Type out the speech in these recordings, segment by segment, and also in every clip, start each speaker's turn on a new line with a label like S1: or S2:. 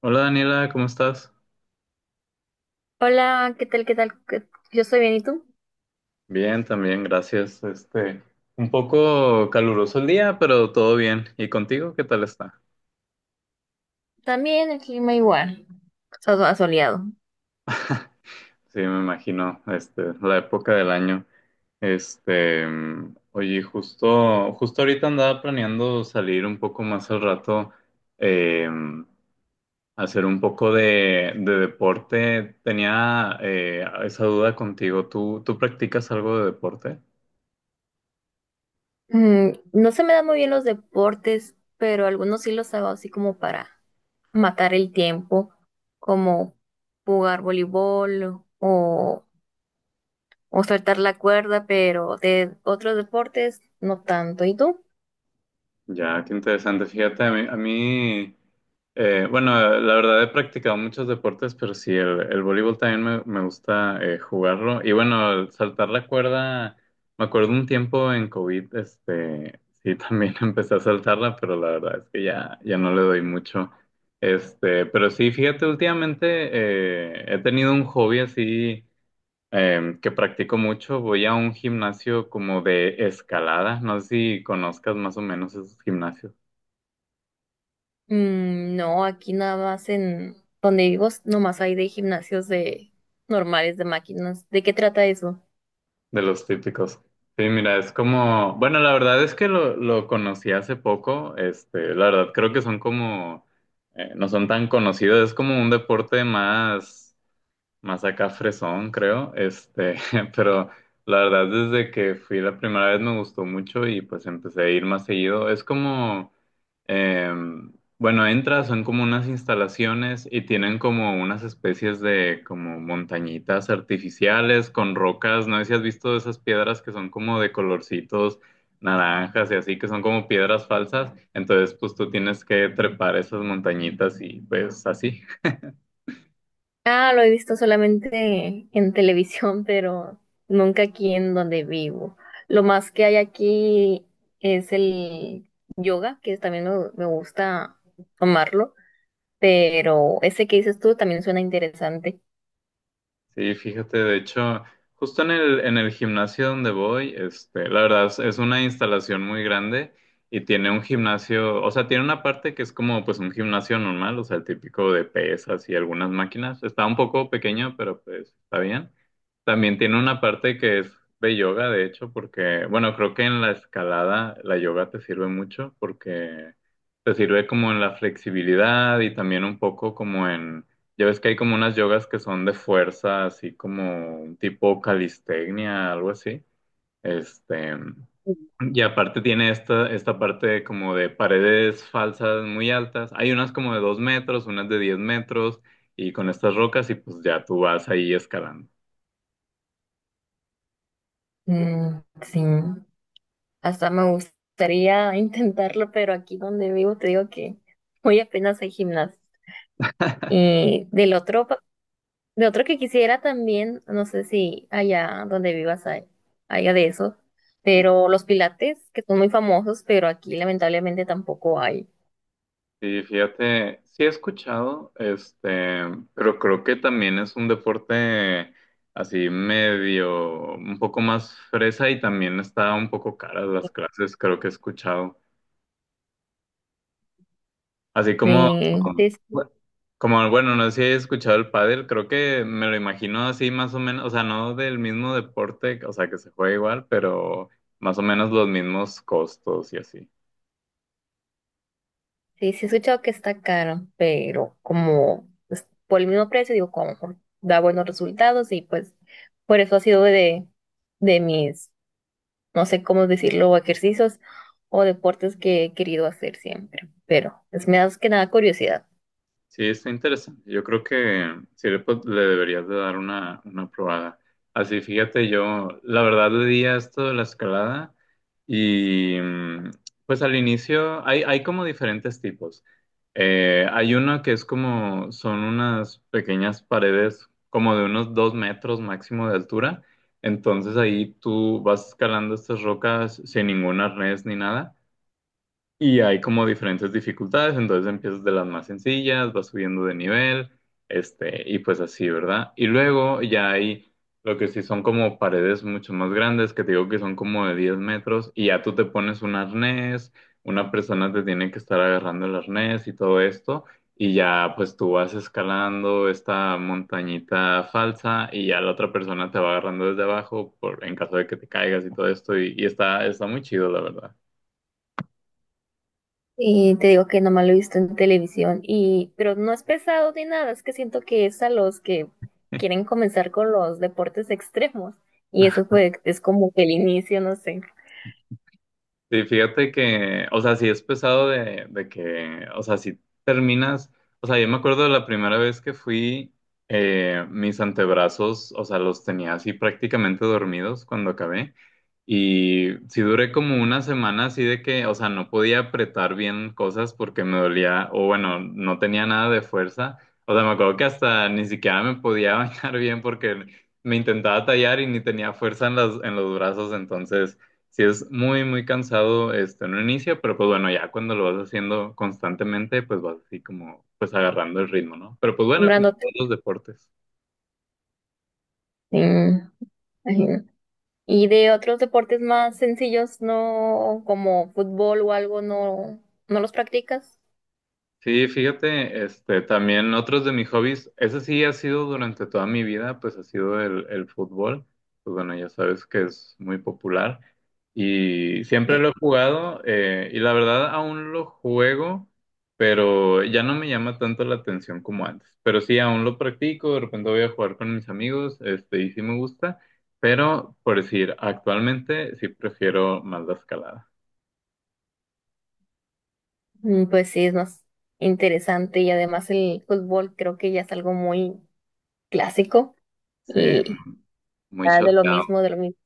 S1: Hola Daniela, ¿cómo estás?
S2: Hola, ¿qué tal? Yo estoy bien, ¿y tú?
S1: Bien, también, gracias. Un poco caluroso el día, pero todo bien. ¿Y contigo qué tal está?
S2: También el clima igual, asoleado.
S1: Sí, me imagino, la época del año. Oye, justo ahorita andaba planeando salir un poco más al rato, eh, mm, hacer un poco de deporte. Tenía esa duda contigo. ¿Tú practicas algo de deporte?
S2: No se me dan muy bien los deportes, pero algunos sí los hago así como para matar el tiempo, como jugar voleibol o, o saltar la cuerda, pero de otros deportes no tanto. ¿Y tú?
S1: Ya, qué interesante. Fíjate, a mí bueno, la verdad he practicado muchos deportes, pero sí, el voleibol también me gusta jugarlo. Y bueno, el saltar la cuerda, me acuerdo un tiempo en COVID, sí, también empecé a saltarla, pero la verdad es que ya, ya no le doy mucho. Pero sí, fíjate, últimamente he tenido un hobby así que practico mucho. Voy a un gimnasio como de escalada. No sé si conozcas más o menos esos gimnasios
S2: Mm, no, aquí nada más en donde vivo, nomás hay de gimnasios de normales, de máquinas. ¿De qué trata eso?
S1: de los típicos. Sí, mira, es como, bueno, la verdad es que lo conocí hace poco. La verdad creo que son como, no son tan conocidos. Es como un deporte más acá fresón, creo. Pero la verdad desde que fui la primera vez me gustó mucho y pues empecé a ir más seguido. Es como Eh, bueno, entras, son como unas instalaciones y tienen como unas especies de como montañitas artificiales con rocas. No sé si has visto esas piedras que son como de colorcitos naranjas y así, que son como piedras falsas. Entonces, pues tú tienes que trepar esas montañitas y pues así.
S2: Ah, lo he visto solamente en televisión, pero nunca aquí en donde vivo. Lo más que hay aquí es el yoga, que también me gusta tomarlo, pero ese que dices tú también suena interesante.
S1: Sí, fíjate, de hecho, justo en el gimnasio donde voy, la verdad es una instalación muy grande y tiene un gimnasio, o sea, tiene una parte que es como pues un gimnasio normal, o sea, el típico de pesas y algunas máquinas. Está un poco pequeño, pero pues está bien. También tiene una parte que es de yoga, de hecho, porque, bueno, creo que en la escalada la yoga te sirve mucho porque te sirve como en la flexibilidad y también un poco como en ya ves que hay como unas yogas que son de fuerza, así como un tipo calistenia, algo así. Este, y aparte tiene esta parte como de paredes falsas muy altas. Hay unas como de 2 metros, unas de 10 metros, y con estas rocas, y pues ya tú vas ahí escalando.
S2: Mm, sí, hasta me gustaría intentarlo, pero aquí donde vivo te digo que hoy apenas hay gimnasio. Y del otro De otro que quisiera también, no sé si allá donde vivas hay, haya de eso, pero los pilates, que son muy famosos, pero aquí lamentablemente tampoco hay.
S1: Sí, fíjate, sí he escuchado, pero creo que también es un deporte así medio, un poco más fresa y también está un poco caras las clases, creo que he escuchado. Así como,
S2: Sí, sí,
S1: bueno, como, Bueno, no sé si he escuchado el pádel, creo que me lo imagino así más o menos, o sea, no del mismo deporte, o sea, que se juega igual, pero más o menos los mismos costos y así.
S2: sí, sí he escuchado que está caro, pero como pues, por el mismo precio, digo, da buenos resultados y pues por eso ha sido de mis no sé cómo decirlo, ejercicios o deportes que he querido hacer siempre, pero es me da más que nada curiosidad.
S1: Sí, está interesante. Yo creo que sí le deberías de dar una probada. Así, fíjate, yo la verdad le di a esto de la escalada y pues al inicio hay como diferentes tipos. Hay uno que es como, son unas pequeñas paredes como de unos 2 metros máximo de altura. Entonces ahí tú vas escalando estas rocas sin ningún arnés ni nada. Y hay como diferentes dificultades, entonces empiezas de las más sencillas, vas subiendo de nivel, y pues así, ¿verdad? Y luego ya hay lo que sí son como paredes mucho más grandes, que te digo que son como de 10 metros, y ya tú te pones un arnés, una persona te tiene que estar agarrando el arnés y todo esto, y ya pues tú vas escalando esta montañita falsa, y ya la otra persona te va agarrando desde abajo por, en caso de que te caigas y todo esto, y está muy chido, la verdad.
S2: Y te digo que nomás lo he visto en televisión y pero no es pesado ni nada, es que siento que es a los que quieren comenzar con los deportes extremos y eso fue es como que el inicio, no sé,
S1: Sí, fíjate que, o sea, sí es pesado de que, o sea, si terminas, o sea, yo me acuerdo de la primera vez que fui, mis antebrazos, o sea, los tenía así prácticamente dormidos cuando acabé. Y sí duré como una semana así de que, o sea, no podía apretar bien cosas porque me dolía, o bueno, no tenía nada de fuerza. O sea, me acuerdo que hasta ni siquiera me podía bañar bien porque me intentaba tallar y ni tenía fuerza en las, en los brazos, entonces sí es muy, muy cansado en un inicio, pero pues bueno, ya cuando lo vas haciendo constantemente, pues vas así como, pues agarrando el ritmo, ¿no? Pero pues bueno, como en
S2: nombrándote.
S1: todos los deportes.
S2: Sí, imagino. Y de otros deportes más sencillos, no como fútbol o algo, no los practicas.
S1: Sí, fíjate, también otros de mis hobbies, ese sí ha sido durante toda mi vida, pues ha sido el fútbol, pues bueno, ya sabes que es muy popular y siempre
S2: Sí.
S1: lo he jugado y la verdad aún lo juego, pero ya no me llama tanto la atención como antes, pero sí, aún lo practico, de repente voy a jugar con mis amigos, y sí me gusta, pero por decir, actualmente sí prefiero más la escalada,
S2: Mm, pues sí, es más interesante y además el fútbol creo que ya es algo muy clásico
S1: sí,
S2: y
S1: muy
S2: ya de lo
S1: choteado,
S2: mismo, de lo mismo.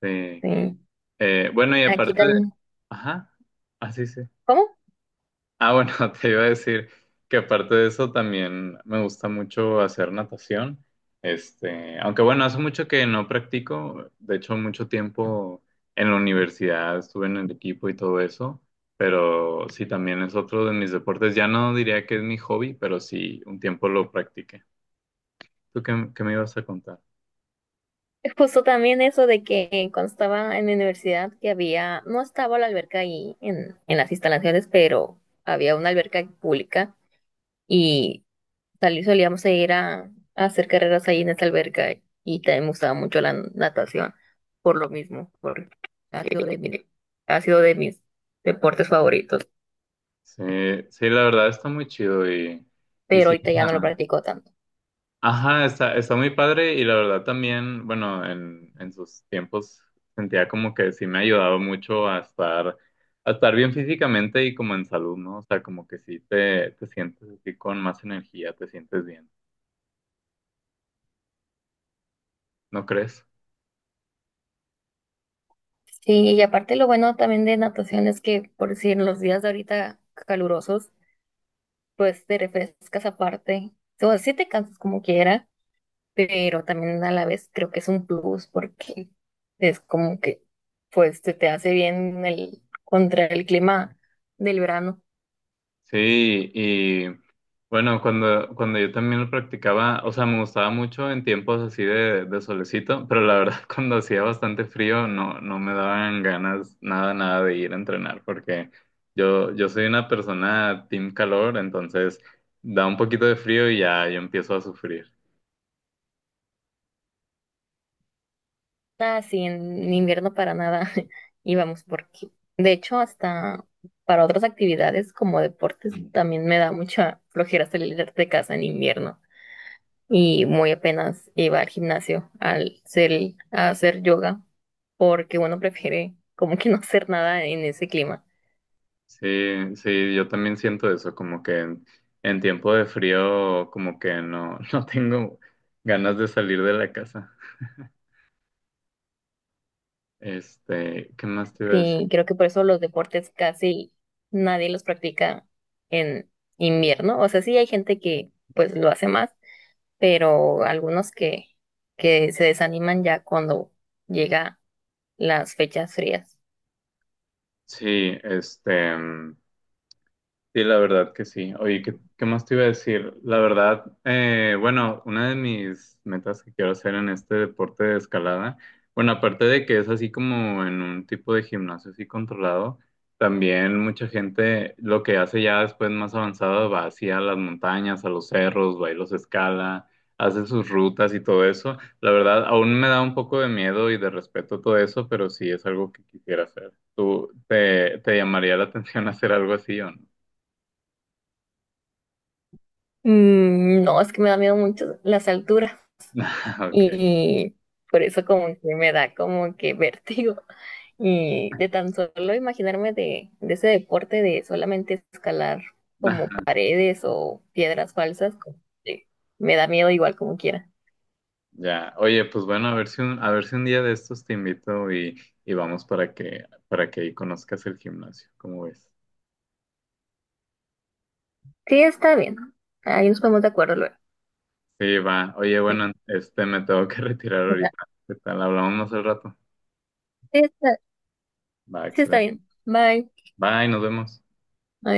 S1: sí.
S2: Sí.
S1: Bueno, y
S2: Aquí
S1: aparte...
S2: también,
S1: Ajá, así sí. Sí.
S2: ¿cómo?
S1: Ah, bueno, te iba a decir que aparte de eso también me gusta mucho hacer natación. Aunque bueno, hace mucho que no practico, de hecho mucho tiempo en la universidad estuve en el equipo y todo eso, pero sí también es otro de mis deportes. Ya no diría que es mi hobby, pero sí un tiempo lo practiqué. ¿Tú qué me ibas a contar?
S2: Justo también eso de que cuando estaba en la universidad que había, no estaba la alberca ahí en las instalaciones, pero había una alberca pública y salí, solíamos ir a hacer carreras ahí en esa alberca y también me gustaba mucho la natación por lo mismo, porque ha sido ha sido de mis deportes favoritos,
S1: Sí, sí, la verdad está muy chido y
S2: pero
S1: sí.
S2: ahorita ya no lo practico tanto.
S1: Ajá, está muy padre y la verdad también, bueno, en sus tiempos sentía como que sí me ayudaba mucho a estar, bien físicamente y como en salud, ¿no? O sea, como que sí te sientes así con más energía, te sientes bien, ¿no crees?
S2: Sí, y aparte lo bueno también de natación es que, por decir, en los días de ahorita calurosos, pues te refrescas aparte. O sea, sí te cansas como quiera, pero también a la vez creo que es un plus porque es como que pues te hace bien el, contra el clima del verano.
S1: Sí, y bueno, cuando yo también lo practicaba, o sea, me gustaba mucho en tiempos así de solecito, pero la verdad cuando hacía bastante frío no, no me daban ganas nada, nada de ir a entrenar, porque yo soy una persona team calor, entonces da un poquito de frío y ya yo empiezo a sufrir.
S2: Así en invierno para nada íbamos porque de hecho hasta para otras actividades como deportes también me da mucha flojera salir de casa en invierno y muy apenas iba al gimnasio al ser, a hacer yoga porque uno prefiere como que no hacer nada en ese clima.
S1: Sí, sí, yo también siento eso, como que en tiempo de frío como que no, no tengo ganas de salir de la casa. ¿Qué más te iba a...
S2: Y creo que por eso los deportes casi nadie los practica en invierno. O sea, sí hay gente que pues lo hace más, pero algunos que se desaniman ya cuando llega las fechas frías.
S1: Sí, sí, la verdad que sí. Oye, ¿qué más te iba a decir? La verdad, bueno, una de mis metas que quiero hacer en este deporte de escalada, bueno, aparte de que es así como en un tipo de gimnasio así controlado, también mucha gente lo que hace ya después más avanzado va hacia las montañas, a los cerros, va y los escala, hace sus rutas y todo eso. La verdad, aún me da un poco de miedo y de respeto todo eso, pero sí es algo que quisiera hacer. ¿Tú te llamaría la atención hacer algo así o no?
S2: Mm, no, es que me da miedo mucho las alturas
S1: Ok,
S2: y por eso como que me da como que vértigo. Y de tan solo imaginarme de ese deporte de solamente escalar como
S1: ajá,
S2: paredes o piedras falsas, como que me da miedo igual como quiera.
S1: ya. Oye, pues bueno, a ver si un, día de estos te invito y vamos para que ahí conozcas el gimnasio, ¿cómo ves?
S2: Sí, está bien. Ahí nos ponemos de acuerdo luego.
S1: Sí, va. Oye,
S2: Bueno,
S1: bueno, me tengo que retirar ahorita. ¿Qué tal? Hablamos más al rato.
S2: sí, está,
S1: Va,
S2: sí está
S1: excelente.
S2: bien. Bye.
S1: Bye, nos vemos.
S2: Adiós.